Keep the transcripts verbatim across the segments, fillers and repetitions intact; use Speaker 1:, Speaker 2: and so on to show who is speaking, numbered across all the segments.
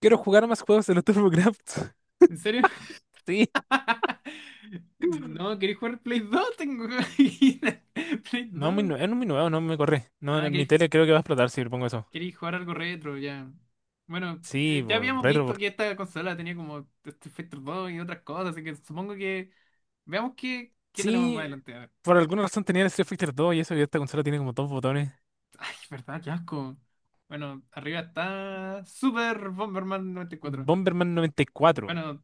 Speaker 1: Quiero jugar más juegos de los TurboCraft.
Speaker 2: ¿En serio?
Speaker 1: Sí.
Speaker 2: No, ¿queréis jugar Play dos? Tengo aquí Play
Speaker 1: No, es muy
Speaker 2: dos.
Speaker 1: nuevo, no, muy nuevo, no me corre.
Speaker 2: Ah,
Speaker 1: No, en mi
Speaker 2: ¿queréis,
Speaker 1: tele creo que va a explotar si le pongo eso.
Speaker 2: queréis jugar algo retro? Ya. Bueno,
Speaker 1: Sí,
Speaker 2: eh, ya
Speaker 1: po,
Speaker 2: habíamos
Speaker 1: retro.
Speaker 2: visto
Speaker 1: por-
Speaker 2: que esta consola tenía como Street Fighter dos y otras cosas, así que supongo que veamos qué, qué tenemos más
Speaker 1: Sí,
Speaker 2: adelante. A ver.
Speaker 1: por alguna razón tenía el Street Fighter dos y eso, y esta consola tiene como dos botones.
Speaker 2: Ay, verdad, qué asco. Bueno, arriba está Super Bomberman noventa y cuatro.
Speaker 1: Bomberman noventa y cuatro.
Speaker 2: Bueno,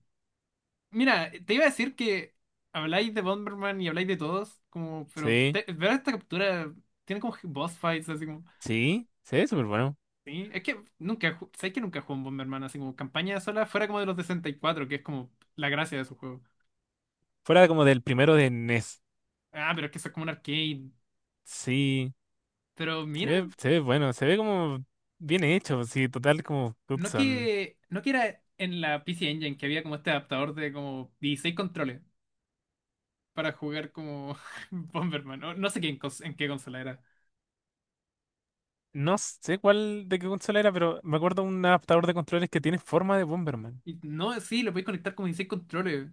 Speaker 2: mira, te iba a decir que habláis de Bomberman y habláis de todos, como, pero
Speaker 1: Sí,
Speaker 2: te- ver esta captura tiene como boss fights, así como.
Speaker 1: sí, se ve súper bueno.
Speaker 2: Sí, es que nunca, ju- sé que nunca jugué un Bomberman, así como campaña sola, fuera como de los de sesenta y cuatro que es como la gracia de su juego.
Speaker 1: Fuera como del primero de NES.
Speaker 2: Ah, pero es que eso es como un arcade.
Speaker 1: Sí,
Speaker 2: Pero
Speaker 1: se
Speaker 2: mira,
Speaker 1: ve, se ve bueno, se ve como bien hecho, sí, total como
Speaker 2: no
Speaker 1: Hudson.
Speaker 2: que, no que era en la P C Engine que había como este adaptador de como dieciséis controles para jugar como Bomberman. No, no sé qué en, cons- en qué consola era.
Speaker 1: No sé cuál de qué consola era, pero me acuerdo un adaptador de controles que tiene forma de Bomberman.
Speaker 2: Y no, sí, lo podéis conectar como dieciséis controles.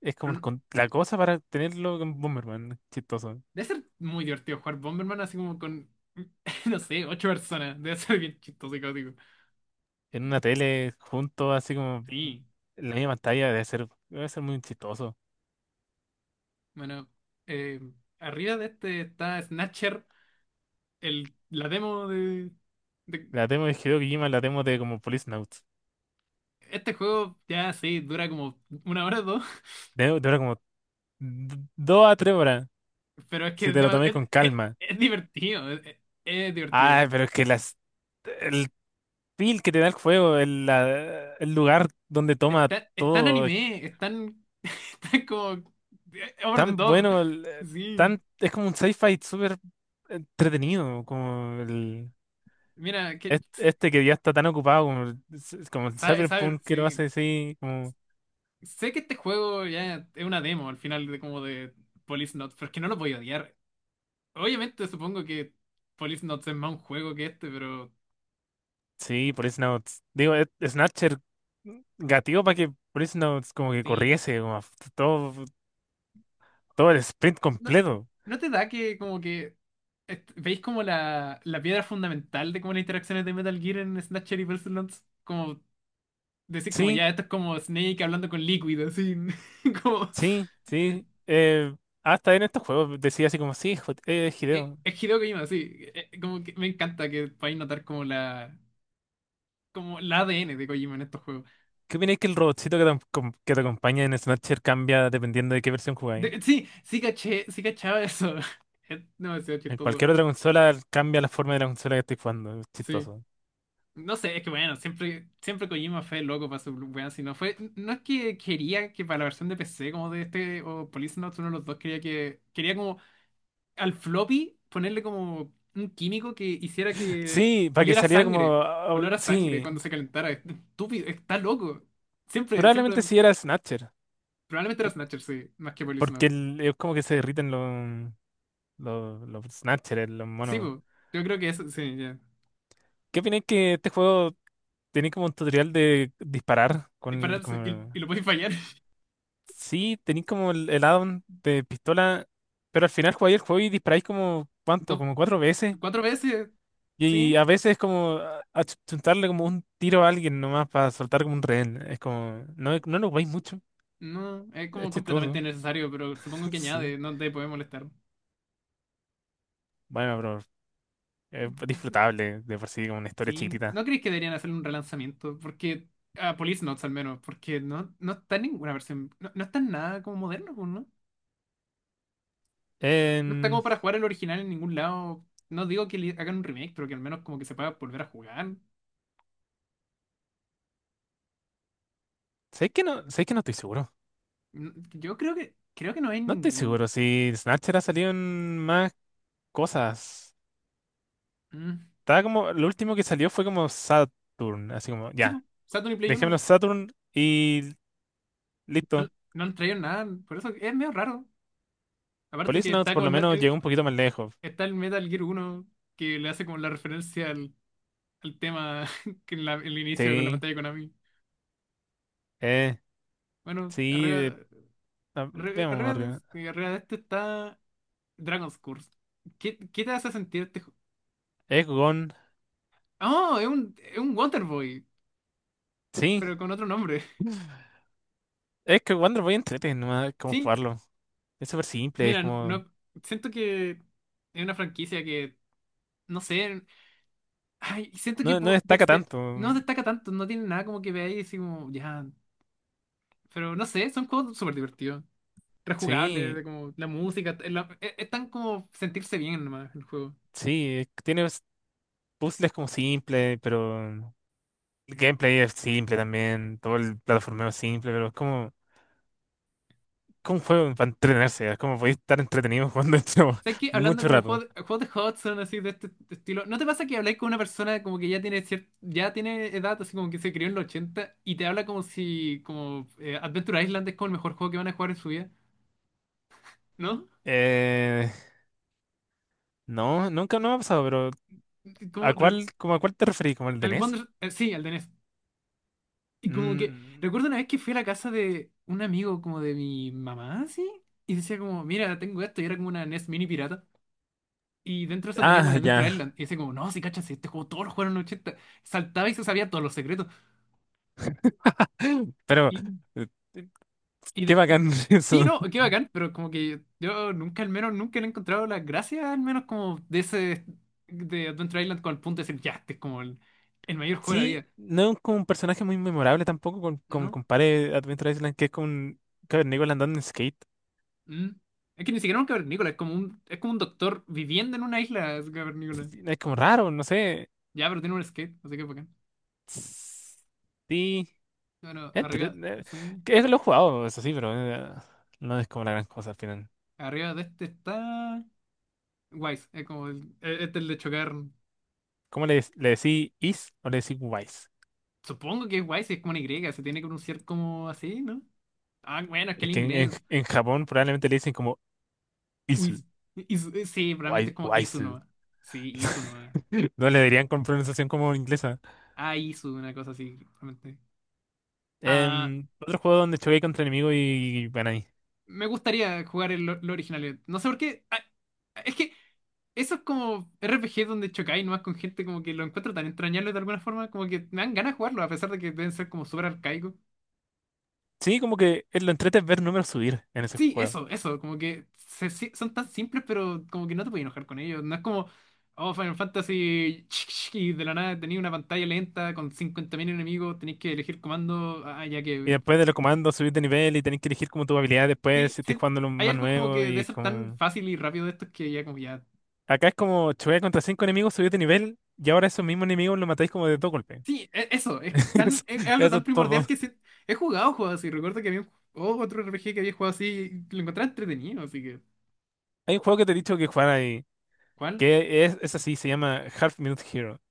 Speaker 1: Es como el con- la cosa para tenerlo con Bomberman, chistoso.
Speaker 2: Debe ser muy divertido jugar Bomberman así como con, no sé, ocho personas. Debe ser bien chistoso y caótico.
Speaker 1: En una tele junto, así como
Speaker 2: Sí,
Speaker 1: en la misma pantalla, debe ser, debe ser muy chistoso.
Speaker 2: bueno, eh, arriba de este está Snatcher, el, la demo de, de-
Speaker 1: La demo de Hideo Kojima, la demo de como Police Notes.
Speaker 2: Este juego ya sí, dura como una hora o dos,
Speaker 1: Debe dura como d- dos a tres horas,
Speaker 2: pero es que
Speaker 1: si
Speaker 2: es,
Speaker 1: te lo
Speaker 2: dema-
Speaker 1: tomas
Speaker 2: es-
Speaker 1: con
Speaker 2: es-
Speaker 1: calma.
Speaker 2: es divertido, es, es- es divertido.
Speaker 1: Ah, pero es que las, el feel que te da el juego, el, la- el lugar donde toma
Speaker 2: Está, es tan
Speaker 1: todo, es
Speaker 2: anime, están están como eh, over the
Speaker 1: tan
Speaker 2: top.
Speaker 1: bueno, el- eh,
Speaker 2: Sí,
Speaker 1: tan, es como un sci-fi súper entretenido, como el...
Speaker 2: mira, que,
Speaker 1: es- Este que ya está tan ocupado como, el- s- como el
Speaker 2: sabe, sabe,
Speaker 1: Cyberpunk que lo
Speaker 2: sí.
Speaker 1: hace así, como,
Speaker 2: Sé que este juego ya es una demo al final de como de Police Notes, pero es que no lo voy a odiar. Obviamente supongo que Police Notes es más un juego que este, pero
Speaker 1: sí, por eso no, digo, es- Snatcher gatillo para que por eso no, como que
Speaker 2: sí.
Speaker 1: corriese, como f- todo, todo el sprint
Speaker 2: ¿No,
Speaker 1: completo.
Speaker 2: no te da que como que est- veis como la, la piedra fundamental de como las interacciones de Metal Gear en Snatcher y Police Notes? Como decir como
Speaker 1: Sí,
Speaker 2: ya, esto es como Snake hablando con Liquid, así. Como...
Speaker 1: sí, sí. eh, Hasta en estos juegos decía así como, sí, jo- eh,
Speaker 2: Es,
Speaker 1: Hideo.
Speaker 2: es Hideo Kojima, sí. Eh, eh, Como que me encanta que podáis notar como la, como la A D N de Kojima en estos juegos.
Speaker 1: ¿Qué opináis que el robotcito que te, acom- que te acompaña en Snatcher cambia dependiendo de qué versión jugáis?
Speaker 2: De- sí, sí caché, sí cachaba eso. Es demasiado
Speaker 1: En
Speaker 2: chistoso.
Speaker 1: cualquier otra consola cambia la forma de la consola que estáis jugando, es
Speaker 2: Sí.
Speaker 1: chistoso.
Speaker 2: No sé, es que bueno, siempre, siempre Kojima fue loco para su weón, si no fue. No es que quería que para la versión de P C como de este o Police Notes, uno de los dos quería que. Quería como al floppy ponerle como un químico que hiciera que
Speaker 1: Sí, para que
Speaker 2: oliera
Speaker 1: saliera como,
Speaker 2: sangre.
Speaker 1: ah, ah,
Speaker 2: Olor a sangre
Speaker 1: sí.
Speaker 2: cuando se calentara. Es estúpido, está loco. Siempre, siempre.
Speaker 1: Probablemente sí era Snatcher,
Speaker 2: Probablemente era
Speaker 1: te-
Speaker 2: Snatcher, sí, más que Police
Speaker 1: porque
Speaker 2: Notes.
Speaker 1: el- es como que se derriten los, los, los Snatchers, los
Speaker 2: Sí,
Speaker 1: monos.
Speaker 2: po. Yo creo que eso, sí, ya.
Speaker 1: ¿Qué opináis que este juego tenía como un tutorial de disparar con el,
Speaker 2: Dispararse y,
Speaker 1: como...
Speaker 2: y lo podéis fallar.
Speaker 1: Sí, tenéis como el, el add-on de pistola, pero al final jugáis el juego y disparáis como, ¿cuánto? Como cuatro veces.
Speaker 2: Cuatro veces,
Speaker 1: Y
Speaker 2: sí.
Speaker 1: a veces es como a- achuntarle como un tiro a alguien nomás para soltar como un rehén. Es como, no, no lo jugáis mucho,
Speaker 2: No, es
Speaker 1: es
Speaker 2: como completamente
Speaker 1: chistoso.
Speaker 2: innecesario, pero supongo que
Speaker 1: Sí.
Speaker 2: añade, no te puede molestar.
Speaker 1: Bueno, pero es disfrutable de por sí, como una historia
Speaker 2: Sí.
Speaker 1: chiquitita.
Speaker 2: ¿No crees que deberían hacer un relanzamiento? Porque, a Police Notes al menos, porque no, no está en ninguna versión, no, no está en nada como moderno, pues, ¿no? No está
Speaker 1: Em,
Speaker 2: como para jugar el original en ningún lado. No digo que le hagan un remake, pero que al menos como que se pueda volver a jugar.
Speaker 1: Sé que no, sé que no estoy seguro.
Speaker 2: Mm, yo creo que, creo que no hay
Speaker 1: No estoy
Speaker 2: ningún.
Speaker 1: seguro si Snatcher ha salido en más cosas.
Speaker 2: Mm.
Speaker 1: Estaba como, lo último que salió fue como Saturn, así como,
Speaker 2: Sí,
Speaker 1: ya,
Speaker 2: pues, Saturn y Play
Speaker 1: dejémoslo
Speaker 2: uno.
Speaker 1: Saturn y
Speaker 2: No,
Speaker 1: listo.
Speaker 2: no han traído nada, por eso es medio raro. Aparte
Speaker 1: Police
Speaker 2: que
Speaker 1: Notes
Speaker 2: está
Speaker 1: por
Speaker 2: como
Speaker 1: lo
Speaker 2: el, me-
Speaker 1: menos llegó un poquito más lejos.
Speaker 2: Está el Metal Gear Uno que le hace como la referencia al, al tema que en la- el inicio con la
Speaker 1: Sí,
Speaker 2: pantalla de Konami.
Speaker 1: eh,
Speaker 2: Bueno,
Speaker 1: sí, eh,
Speaker 2: arriba,
Speaker 1: ah,
Speaker 2: arriba,
Speaker 1: veamos
Speaker 2: arriba de,
Speaker 1: arriba.
Speaker 2: sí, arriba de esto está Dragon's Curse. ¿Qué, qué te hace sentir este juego?
Speaker 1: Egggon,
Speaker 2: ¡Oh! Es un, es un Wonderboy,
Speaker 1: sí,
Speaker 2: pero con otro nombre.
Speaker 1: es que Wonder Boy entrete, nomás como
Speaker 2: Sí,
Speaker 1: jugarlo. Es súper simple, es
Speaker 2: mira,
Speaker 1: como,
Speaker 2: no, siento que es una franquicia que, no sé, ay, siento que
Speaker 1: no, no
Speaker 2: po-
Speaker 1: destaca
Speaker 2: dexte-
Speaker 1: tanto.
Speaker 2: no destaca tanto, no tiene nada como que veáis y así como, ya, pero no sé, son juegos súper divertidos. Rejugable,
Speaker 1: Sí,
Speaker 2: de como la música, es, la- es- es tan como sentirse bien nomás el juego.
Speaker 1: sí, es que tiene puzzles como simples, pero. El gameplay es simple también, todo el plataformeo es simple, pero es como, como un juego para entretenerse, es como podéis estar entretenido jugando esto
Speaker 2: ¿Sabes qué? Hablando
Speaker 1: mucho
Speaker 2: como
Speaker 1: rato.
Speaker 2: juego de, juegos de Hudson, así de este estilo, ¿no te pasa que habláis con una persona como que ya tiene cier- ya tiene edad, así como que se crió en los ochenta y te habla como si como eh, Adventure Island es como el mejor juego que van a jugar en su vida? ¿No?
Speaker 1: Eh, no, nunca no me ha pasado, pero
Speaker 2: Como
Speaker 1: ¿a
Speaker 2: recu-
Speaker 1: cuál, como a cuál te referís? ¿Como el de
Speaker 2: al
Speaker 1: NES?
Speaker 2: Wonder- eh, Sí, al de NES. Y como que
Speaker 1: Mm,
Speaker 2: recuerdo una vez que fui a la casa de un amigo como de mi mamá, así, y decía como, mira, tengo esto, y era como una NES mini pirata. Y dentro de eso tenía como
Speaker 1: ah,
Speaker 2: el
Speaker 1: ya.
Speaker 2: Adventure Island. Y decía como, no, si cachas, si este juego todos los jugaron en los ochenta. Saltaba y se sabía todos los secretos.
Speaker 1: Pero,
Speaker 2: Y,
Speaker 1: eh,
Speaker 2: y,
Speaker 1: qué
Speaker 2: de- y-
Speaker 1: bacán
Speaker 2: sí,
Speaker 1: eso.
Speaker 2: no, qué bacán, pero como que yo nunca, al menos, nunca le he encontrado la gracia, al menos como de ese, de Adventure Island con el punto de decir, ya, este es como el, el mayor juego de la
Speaker 1: Sí,
Speaker 2: vida.
Speaker 1: no es como un personaje muy memorable tampoco, con, con,
Speaker 2: ¿No?
Speaker 1: compare Adventure Island, que es como un cavernícola andando en skate.
Speaker 2: Mm. Es que ni siquiera un cavernícola, es como un, es como un doctor viviendo en una isla, es un cavernícola.
Speaker 1: Es como raro, no sé.
Speaker 2: Ya, pero tiene un skate, así que bacán.
Speaker 1: Sí.
Speaker 2: Bueno,
Speaker 1: Entre,
Speaker 2: arriba,
Speaker 1: eh,
Speaker 2: sí.
Speaker 1: que es lo he jugado, eso sí, pero eh, no es como la gran cosa al final.
Speaker 2: Arriba de este está... Wise, es como el, e- este es el de chocar.
Speaker 1: ¿Cómo le, le decís is o le decís wise?
Speaker 2: Supongo que es guay si es como una Y, se tiene que pronunciar como así, ¿no? Ah, bueno, es que
Speaker 1: Es
Speaker 2: el
Speaker 1: que en, en-
Speaker 2: inglés.
Speaker 1: en Japón probablemente le dicen como isu,
Speaker 2: Uis- is- sí, realmente
Speaker 1: wai-
Speaker 2: es como Isu
Speaker 1: waisu.
Speaker 2: nomás. Sí, Isu nomás.
Speaker 1: No le dirían con pronunciación como inglesa.
Speaker 2: Ah, Isu, una cosa así, realmente. Ah,
Speaker 1: Em, otro juego donde choqué contra enemigos y van ahí.
Speaker 2: me gustaría jugar el, lo lo original. No sé por qué. Ah, es que eso es como R P G donde chocáis nomás con gente como que lo encuentro tan entrañable de alguna forma, como que me dan ganas de jugarlo, a pesar de que deben ser como súper arcaicos.
Speaker 1: Sí, como que eh, lo entrete es ver números subir en ese
Speaker 2: Sí,
Speaker 1: juego.
Speaker 2: eso, eso, como que se- se- son tan simples, pero como que no te puedes enojar con ellos. No es como, oh, Final Fantasy, y de la nada tenéis una pantalla lenta con cincuenta mil enemigos, tenéis que elegir comando, ah, ya
Speaker 1: Y
Speaker 2: que...
Speaker 1: después de los
Speaker 2: ya me cansé.
Speaker 1: comandos subir de nivel y tenés que elegir como tu habilidad después
Speaker 2: Sí,
Speaker 1: si estés
Speaker 2: sí,
Speaker 1: jugando lo
Speaker 2: hay
Speaker 1: más
Speaker 2: algo como
Speaker 1: nuevo
Speaker 2: que
Speaker 1: y
Speaker 2: de
Speaker 1: es
Speaker 2: ser tan
Speaker 1: como...
Speaker 2: fácil y rápido de estos que ya como ya...
Speaker 1: Acá es como chocar contra cinco enemigos, subí de nivel y ahora esos mismos enemigos los matáis como de dos golpes.
Speaker 2: Sí, e- eso, es
Speaker 1: Eso,
Speaker 2: tan, es, es algo
Speaker 1: eso es
Speaker 2: tan
Speaker 1: todo.
Speaker 2: primordial que sí- he jugado juegos así. Recuerdo que había un, oh, otro R P G que había jugado así y lo encontraba entretenido, así que...
Speaker 1: Hay un juego que te he dicho que jugar ahí,
Speaker 2: ¿Cuál?
Speaker 1: que es, es así, se llama Half Minute Hero.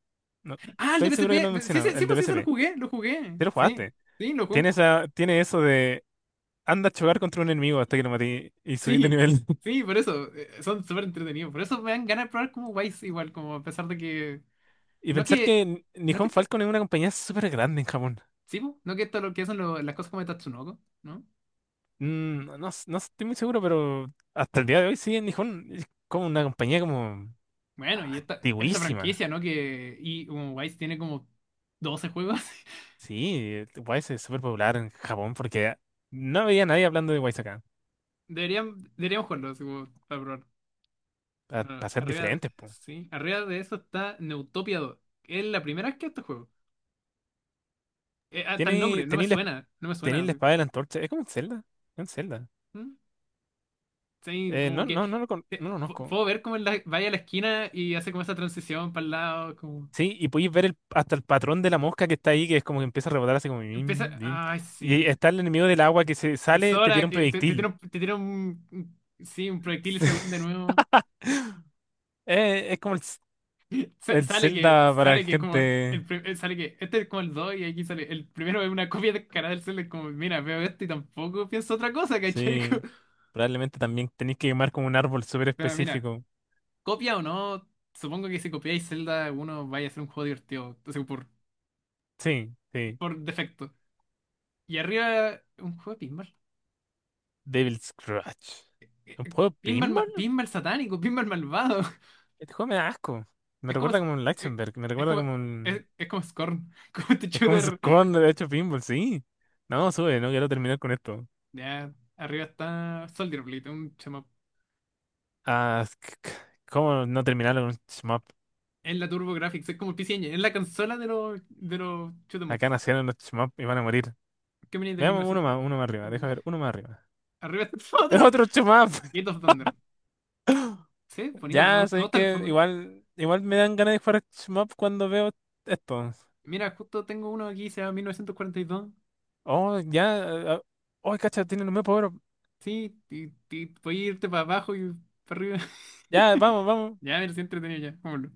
Speaker 1: No,
Speaker 2: Ah, el de
Speaker 1: estoy seguro que lo he
Speaker 2: P S P. Sí,
Speaker 1: mencionado,
Speaker 2: ese- sí,
Speaker 1: el de
Speaker 2: pues sí, se lo
Speaker 1: P S P.
Speaker 2: jugué, lo jugué.
Speaker 1: Te lo
Speaker 2: Sí.
Speaker 1: jugaste.
Speaker 2: Sí, lo jugué,
Speaker 1: Tiene, esa, tiene eso de anda a chocar contra un enemigo hasta que lo maté y subí de
Speaker 2: sí,
Speaker 1: nivel.
Speaker 2: sí, por eso, eh, son súper entretenidos. Por eso me dan ganas de probar como Wise igual, como a pesar de que...
Speaker 1: Y
Speaker 2: No
Speaker 1: pensar
Speaker 2: que...
Speaker 1: que
Speaker 2: No que
Speaker 1: Nihon
Speaker 2: esta...
Speaker 1: Falcon es una compañía súper grande en Japón.
Speaker 2: Sí, po, no que esto lo que son lo- las cosas como de Tatsunoko, ¿no?
Speaker 1: Mm, no, s- no estoy muy seguro, pero hasta el día de hoy sí, en Nihon es como una compañía como
Speaker 2: Bueno,
Speaker 1: ah,
Speaker 2: y esta, esta
Speaker 1: antiguísima.
Speaker 2: franquicia, ¿no? Que... Y como Wise tiene como doce juegos.
Speaker 1: Sí, Wise es súper popular en Japón porque no había nadie hablando de Wise acá.
Speaker 2: Deberían, deberíamos jugarlos, como, para probar. Ah,
Speaker 1: Para ser
Speaker 2: arriba de...
Speaker 1: diferentes, pues.
Speaker 2: Sí, arriba de eso está Neutopia dos. Es la primera vez que este juego. Eh, hasta el
Speaker 1: Tiene,
Speaker 2: nombre, no me
Speaker 1: tení la,
Speaker 2: suena, no me
Speaker 1: tení
Speaker 2: suena
Speaker 1: la
Speaker 2: así.
Speaker 1: espada de la antorcha. Es como un Zelda. Es un Zelda.
Speaker 2: ¿Mm? Sí,
Speaker 1: Eh, no,
Speaker 2: como que
Speaker 1: no, no lo, con-
Speaker 2: te-
Speaker 1: no lo
Speaker 2: pu-
Speaker 1: conozco.
Speaker 2: puedo ver cómo él la- vaya a la esquina y hace como esa transición para el lado, como
Speaker 1: Sí, y podéis ver el- hasta el patrón de la mosca que está ahí, que es como que empieza a rebotar así como
Speaker 2: empieza,
Speaker 1: bim, bim.
Speaker 2: ay
Speaker 1: Y
Speaker 2: sí,
Speaker 1: está el enemigo del agua que se
Speaker 2: el
Speaker 1: sale, te tira
Speaker 2: Sora
Speaker 1: un
Speaker 2: que te, te
Speaker 1: proyectil.
Speaker 2: tira un, te tira un- un- sí, un proyectil según de nuevo.
Speaker 1: Eh, es como el, Z-
Speaker 2: Sa-
Speaker 1: el
Speaker 2: sale que
Speaker 1: Zelda para
Speaker 2: sale que es como
Speaker 1: gente.
Speaker 2: el pri- eh, sale que este es como el dos y aquí sale el primero es una copia de cara del Cell, es como mira, veo esto y tampoco pienso otra cosa, ¿cachai? Como-
Speaker 1: Sí. Probablemente también tenéis que quemar como un árbol súper
Speaker 2: Pero mira,
Speaker 1: específico.
Speaker 2: copia o no, supongo que si copiáis Zelda uno vaya a ser un juego divertido, o sea, por
Speaker 1: Sí, sí.
Speaker 2: por defecto. Y arriba, un juego de pinball.
Speaker 1: Devil Scratch.
Speaker 2: eh,
Speaker 1: ¿Un juego de
Speaker 2: Pinball, ma-
Speaker 1: pinball?
Speaker 2: Pinball satánico, Pinball malvado.
Speaker 1: Este juego me da asco. Me
Speaker 2: Es como.
Speaker 1: recuerda
Speaker 2: Es,
Speaker 1: como un
Speaker 2: eh,
Speaker 1: Lichtenberg, me
Speaker 2: es
Speaker 1: recuerda
Speaker 2: como.
Speaker 1: como un...
Speaker 2: Es, es como Scorn. Como este
Speaker 1: Es como un
Speaker 2: shooter.
Speaker 1: Scone de hecho pinball, sí. No, sube, no quiero terminar con esto.
Speaker 2: Ya, arriba está Soldier Blade, un chamo.
Speaker 1: Ah, c- c- ¿cómo no terminarlo con un shmup?
Speaker 2: Es la Turbo Graphics, es como el P C Engine, es la consola de los de los shoot 'em
Speaker 1: Acá
Speaker 2: ups.
Speaker 1: nacieron los shmup y van a morir.
Speaker 2: Que venía de
Speaker 1: Veamos uno
Speaker 2: mil novecientos.
Speaker 1: más, uno más arriba, deja ver, uno más arriba.
Speaker 2: Arriba está
Speaker 1: ¡Es
Speaker 2: otro.
Speaker 1: otro shmup!
Speaker 2: Gate of Thunder. Sí, bonito, me,
Speaker 1: Ya,
Speaker 2: gu- me
Speaker 1: sabéis
Speaker 2: gusta el
Speaker 1: que
Speaker 2: fondo.
Speaker 1: igual, igual me dan ganas de jugar shmup cuando veo esto.
Speaker 2: Mira, justo tengo uno aquí, se llama mil novecientos cuarenta y dos.
Speaker 1: Oh, ya, ah, ah, oh, cacha, tiene un nuevo power.
Speaker 2: Sí, y, y- dos. Sí, ti- ti- voy a irte para abajo y para arriba.
Speaker 1: Ya, vamos, vamos.
Speaker 2: Ya, me siento entretenido ya. Vámonos.